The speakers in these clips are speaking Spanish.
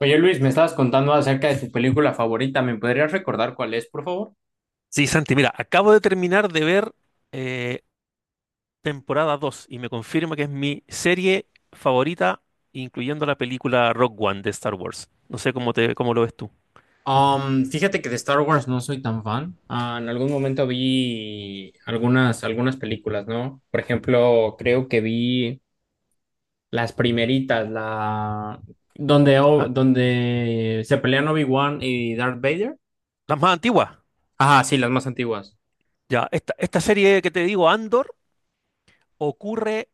Oye Luis, me estabas contando acerca de tu película favorita. ¿Me podrías recordar cuál es, por favor? Sí, Santi, mira, acabo de terminar de ver eh, temporada 2 y me confirma que es mi serie favorita, incluyendo la película Rock One de Star Wars. No sé cómo lo ves tú. Fíjate que de Star Wars no soy tan fan. Ah, en algún momento vi algunas películas, ¿no? Por ejemplo, creo que vi las primeritas, la donde, La- donde se pelean Obi-Wan y Darth Vader. Las más antiguas. Ajá, sí, las más antiguas. Ya, esta serie que te digo, Andor, ocurre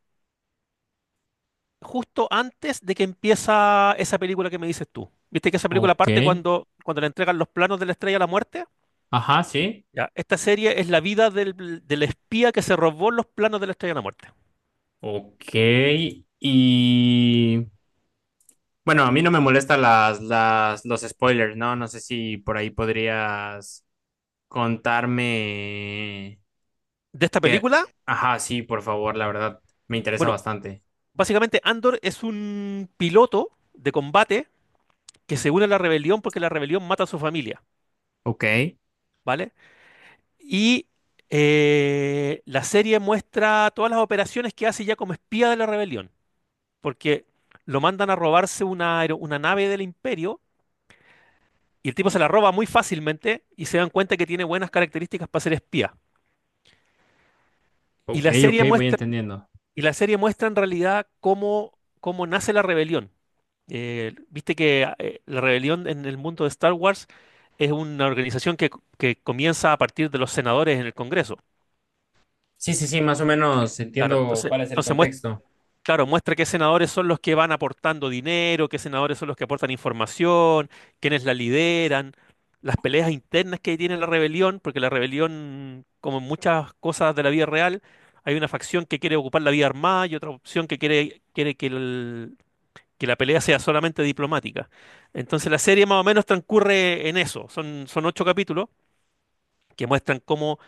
justo antes de que empieza esa película que me dices tú. ¿Viste que esa película Ok. parte cuando le entregan los planos de la Estrella de la Muerte? Ajá, sí. Ya, esta serie es la vida del espía que se robó los planos de la Estrella de la Muerte. Ok. Y bueno, a mí no me molestan los spoilers, ¿no? No sé si por ahí podrías contarme De esta que... película, Ajá, sí, por favor, la verdad, me interesa bueno, bastante. básicamente, Andor es un piloto de combate que se une a la rebelión porque la rebelión mata a su familia, Ok, ¿vale? Y la serie muestra todas las operaciones que hace ya como espía de la rebelión, porque lo mandan a robarse una nave del imperio y el tipo se la roba muy fácilmente y se dan cuenta que tiene buenas características para ser espía. Y ok, la ok, serie voy muestra entendiendo. Y la serie muestra en realidad cómo nace la rebelión. Viste que la rebelión en el mundo de Star Wars es una organización que comienza a partir de los senadores en el Congreso. Sí, sí, sí, más o menos Claro, entiendo entonces, cuál es el entonces muest- contexto. claro, muestra qué senadores son los que van aportando dinero, qué senadores son los que aportan información, quiénes la lideran, las peleas internas que tiene la rebelión, porque la rebelión, como en muchas cosas de la vida real, hay una facción que quiere ocupar la vía armada y otra opción que quiere que la pelea sea solamente diplomática. Entonces la serie más o menos transcurre en eso. Son ocho capítulos que muestran cómo,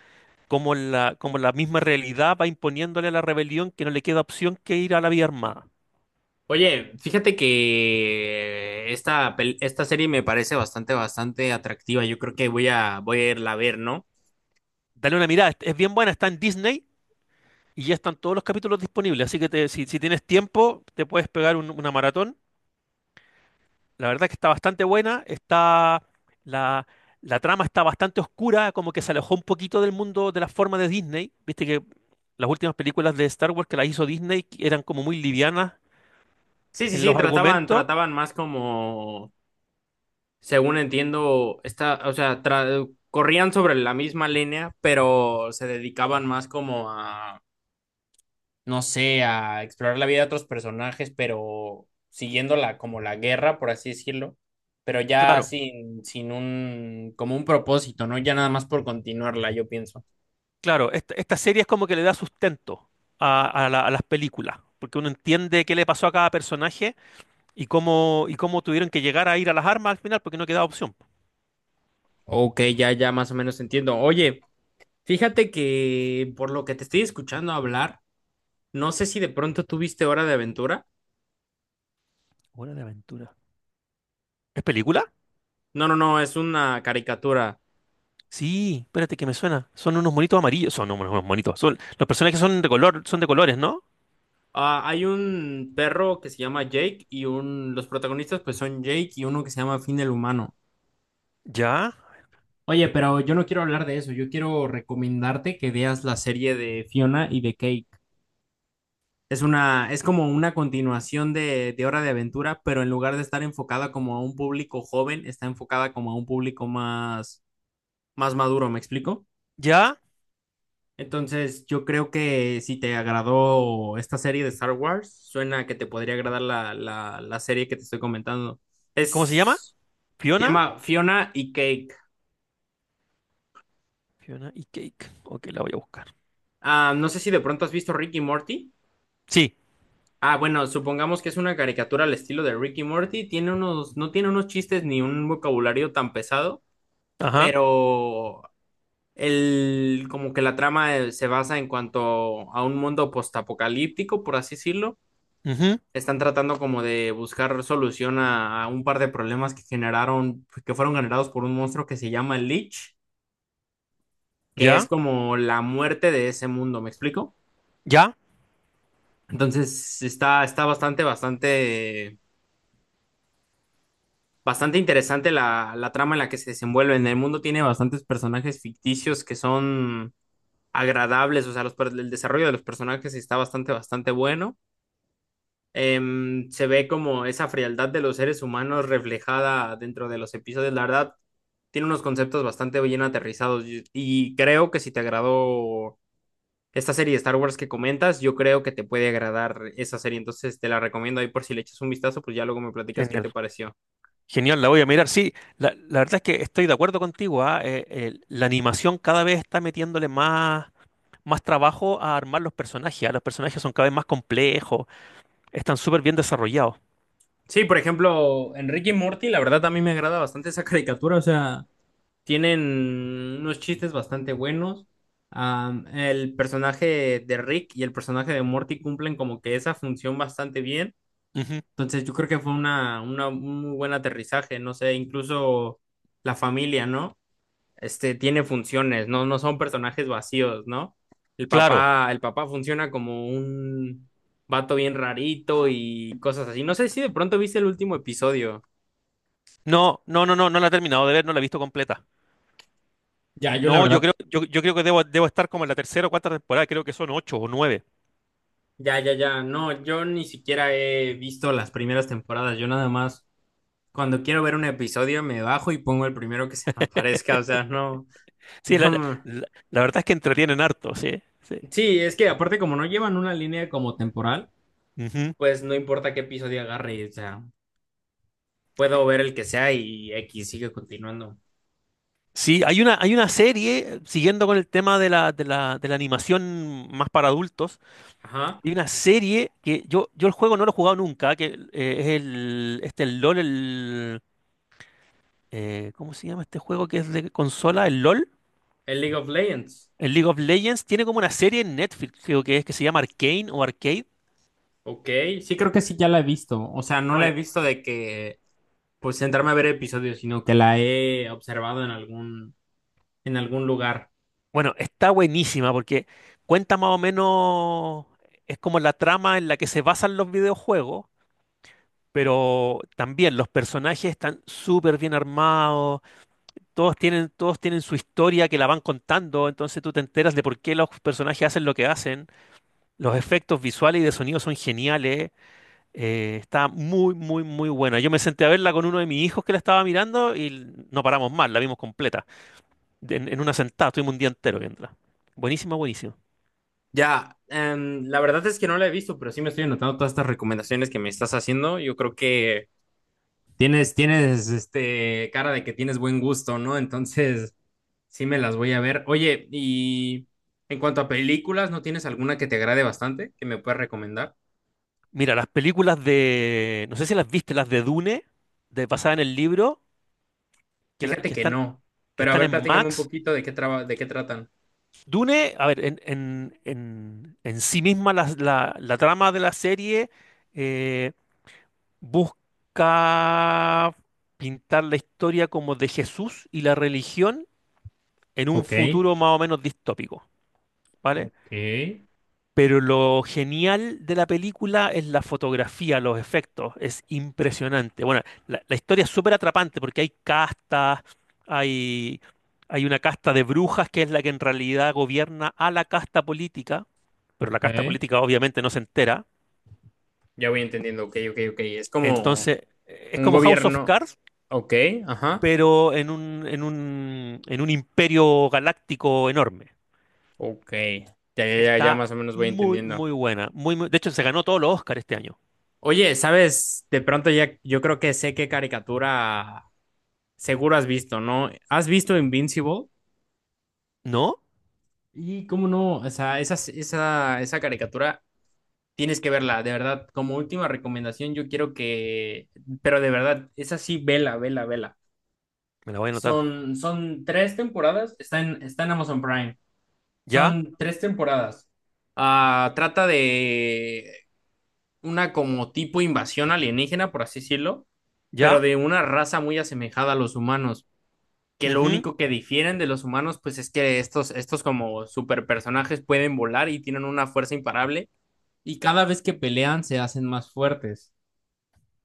cómo la misma realidad va imponiéndole a la rebelión que no le queda opción que ir a la vía armada. Oye, fíjate que esta serie me parece bastante, bastante atractiva. Yo creo que voy a irla a ver, ¿no? Dale una mirada, es bien buena, está en Disney y ya están todos los capítulos disponibles. Así que si tienes tiempo, te puedes pegar una maratón. La verdad que está bastante buena, la, la trama está bastante oscura, como que se alejó un poquito del mundo de la forma de Disney. Viste que las últimas películas de Star Wars que las hizo Disney eran como muy livianas Sí, sí, en sí, los argumentos. trataban más como según entiendo, está, o sea, corrían sobre la misma línea, pero se dedicaban más como a, no sé, a explorar la vida de otros personajes, pero siguiendo la, como la guerra, por así decirlo, pero ya Claro, sin un, como un propósito, ¿no? Ya nada más por continuarla, yo pienso. claro, esta serie es como que le da sustento a las películas, porque uno entiende qué le pasó a cada personaje y cómo tuvieron que llegar a ir a las armas al final, porque no quedaba opción. Ok, ya, ya más o menos entiendo. Oye, fíjate que por lo que te estoy escuchando hablar, no sé si de pronto tuviste Hora de Aventura. Hora de aventura. ¿Es película? No, no, no, es una caricatura. Sí, espérate que me suena. Son unos monitos amarillos. Son unos monitos. Son, los personajes son de color, son de colores, ¿no? Ah, hay un perro que se llama Jake y un, los protagonistas pues son Jake y uno que se llama Finn el humano. Ya, Oye, pero yo no quiero hablar de eso, yo quiero recomendarte que veas la serie de Fiona y de Cake. Es una, es como una continuación de Hora de Aventura, pero en lugar de estar enfocada como a un público joven, está enfocada como a un público más, más maduro, ¿me explico? ya. Entonces, yo creo que si te agradó esta serie de Star Wars, suena que te podría agradar la serie que te estoy comentando. ¿Cómo se llama? Es, se Fiona. llama Fiona y Cake. Fiona y Cake. Ok, la voy a buscar. Ah, no sé si de pronto has visto Rick y Morty. Sí, Ah, bueno, supongamos que es una caricatura al estilo de Rick y Morty. Tiene unos, no tiene unos chistes ni un vocabulario tan pesado, ajá. pero el, como que la trama se basa en cuanto a un mundo postapocalíptico, por así decirlo, Ujú. están tratando como de buscar solución a un par de problemas que generaron, pues, que fueron generados por un monstruo que se llama el Lich, que es Ya, como la muerte de ese mundo, ¿me explico? ya. Entonces está, está, bastante, bastante, bastante interesante la, la trama en la que se desenvuelve. En el mundo tiene bastantes personajes ficticios que son agradables, o sea, el desarrollo de los personajes está bastante, bastante bueno. Se ve como esa frialdad de los seres humanos reflejada dentro de los episodios. La verdad, tiene unos conceptos bastante bien aterrizados y creo que si te agradó esta serie de Star Wars que comentas, yo creo que te puede agradar esa serie. Entonces te la recomiendo ahí por si le echas un vistazo, pues ya luego me platicas qué Genial. te pareció. Genial, la voy a mirar. Sí, la verdad es que estoy de acuerdo contigo. La animación cada vez está metiéndole más trabajo a armar los personajes. Los personajes son cada vez más complejos. Están súper bien desarrollados. Sí, por ejemplo, Enrique y Morty, la verdad a mí me agrada bastante esa caricatura, o sea... Tienen unos chistes bastante buenos. El personaje de Rick y el personaje de Morty cumplen como que esa función bastante bien. Ujú. Entonces yo creo que fue un muy buen aterrizaje, no sé, incluso la familia, ¿no? Este tiene funciones, no, no son personajes vacíos, ¿no? Claro. El papá funciona como un vato bien rarito y cosas así. No sé si de pronto viste el último episodio. No, no, no, no, no la he terminado de ver, no la he visto completa. Ya, yo la No, yo verdad. creo, yo, yo creo que debo estar como en la tercera o cuarta temporada, creo que son ocho o nueve. Ya, ya, ya. No, yo ni siquiera he visto las primeras temporadas. Yo nada más, cuando quiero ver un episodio, me bajo y pongo el primero que se me aparezca. O sea, no, Sí, no. Me- la verdad es que entretienen harto, sí, sí. Sí, es que aparte como no llevan una línea como temporal, Ujú. pues no importa qué episodio agarre. O sea, puedo ver el que sea y X sigue continuando. Sí, hay una serie, siguiendo con el tema de la, de la animación más para adultos, Ajá. hay una serie que yo el juego no lo he jugado nunca, que es el LOL, ¿cómo se llama este juego que es de consola? ¿El LOL? El League of Legends. El League of Legends tiene como una serie en Netflix, creo que es que se llama Arcane o Arcade. Ok. Sí, creo que sí, ya la he visto. O sea, no la he Bueno, visto de que, pues, sentarme a ver episodios, sino que la he observado en algún lugar. bueno, está buenísima porque cuenta más o menos, es como la trama en la que se basan los videojuegos, pero también los personajes están súper bien armados, todos tienen su historia que la van contando, entonces tú te enteras de por qué los personajes hacen lo que hacen, los efectos visuales y de sonido son geniales, está muy, muy, muy buena. Yo me senté a verla con uno de mis hijos que la estaba mirando y no paramos más, la vimos completa, en una sentada, estuvimos un día entero viéndola. Buenísima, buenísima. Ya, la verdad es que no la he visto, pero sí me estoy anotando todas estas recomendaciones que me estás haciendo. Yo creo que este, cara de que tienes buen gusto, ¿no? Entonces, sí me las voy a ver. Oye, y en cuanto a películas, ¿no tienes alguna que te agrade bastante que me puedas recomendar? Mira, las películas de, no sé si las viste, las de Dune, de basada en el libro, que, Fíjate que que están, no, que pero a están ver, en platícame un Max. poquito de de qué tratan. Dune, a ver, en sí misma la trama de la serie eh, busca pintar la historia como de Jesús y la religión en un Ok, futuro más o menos distópico, ¿vale? ok, Pero lo genial de la película es la fotografía, los efectos, es impresionante. Bueno, la historia es súper atrapante porque hay castas, hay, hay una casta de brujas que es la que en realidad gobierna a la casta política, pero la ok. casta política obviamente no se entera. Ya voy entendiendo, ok, ok, ok. Es como Entonces, es un como House of gobierno, Cards, ok, ajá. pero en un imperio galáctico enorme. Ok, ya, ya, ya, ya Está más o menos voy muy, entendiendo. muy buena. De hecho, se ganó todos los Oscars este año. Oye, ¿sabes? De pronto ya yo creo que sé qué caricatura seguro has visto, ¿no? ¿Has visto Invincible? ¿No? Y cómo no, o sea, esa caricatura tienes que verla, de verdad. Como última recomendación, yo quiero que, pero de verdad, esa sí, vela, vela, vela. Me la voy a anotar. Son tres temporadas, está está en Amazon Prime. ¿Ya? Son tres temporadas. Ah, trata de una como tipo invasión alienígena, por así decirlo, pero Ya, de una raza muy asemejada a los humanos, que lo ujú, único que difieren de los humanos, pues es que estos como superpersonajes pueden volar y tienen una fuerza imparable, y cada vez que pelean se hacen más fuertes.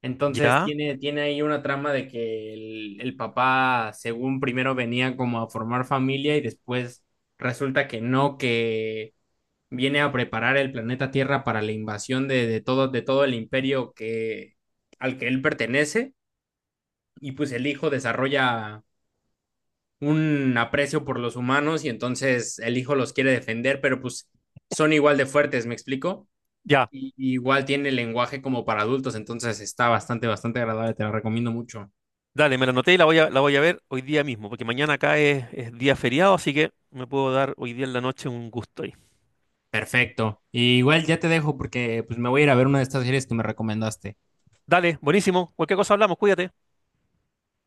Entonces ya, tiene ahí una trama de que el papá, según primero venía como a formar familia y después resulta que no, que viene a preparar el planeta Tierra para la invasión de todo el imperio que, al que él pertenece, y pues el hijo desarrolla un aprecio por los humanos y entonces el hijo los quiere defender, pero pues son igual de fuertes, ¿me explico? ya. Y igual tiene el lenguaje como para adultos, entonces está bastante, bastante agradable, te la recomiendo mucho. Dale, me la anoté y la voy a ver hoy día mismo, porque mañana acá es día feriado, así que me puedo dar hoy día en la noche un gusto ahí. Perfecto. Y igual ya te dejo porque pues me voy a ir a ver una de estas series que me recomendaste. Dale, buenísimo. Cualquier cosa hablamos, cuídate.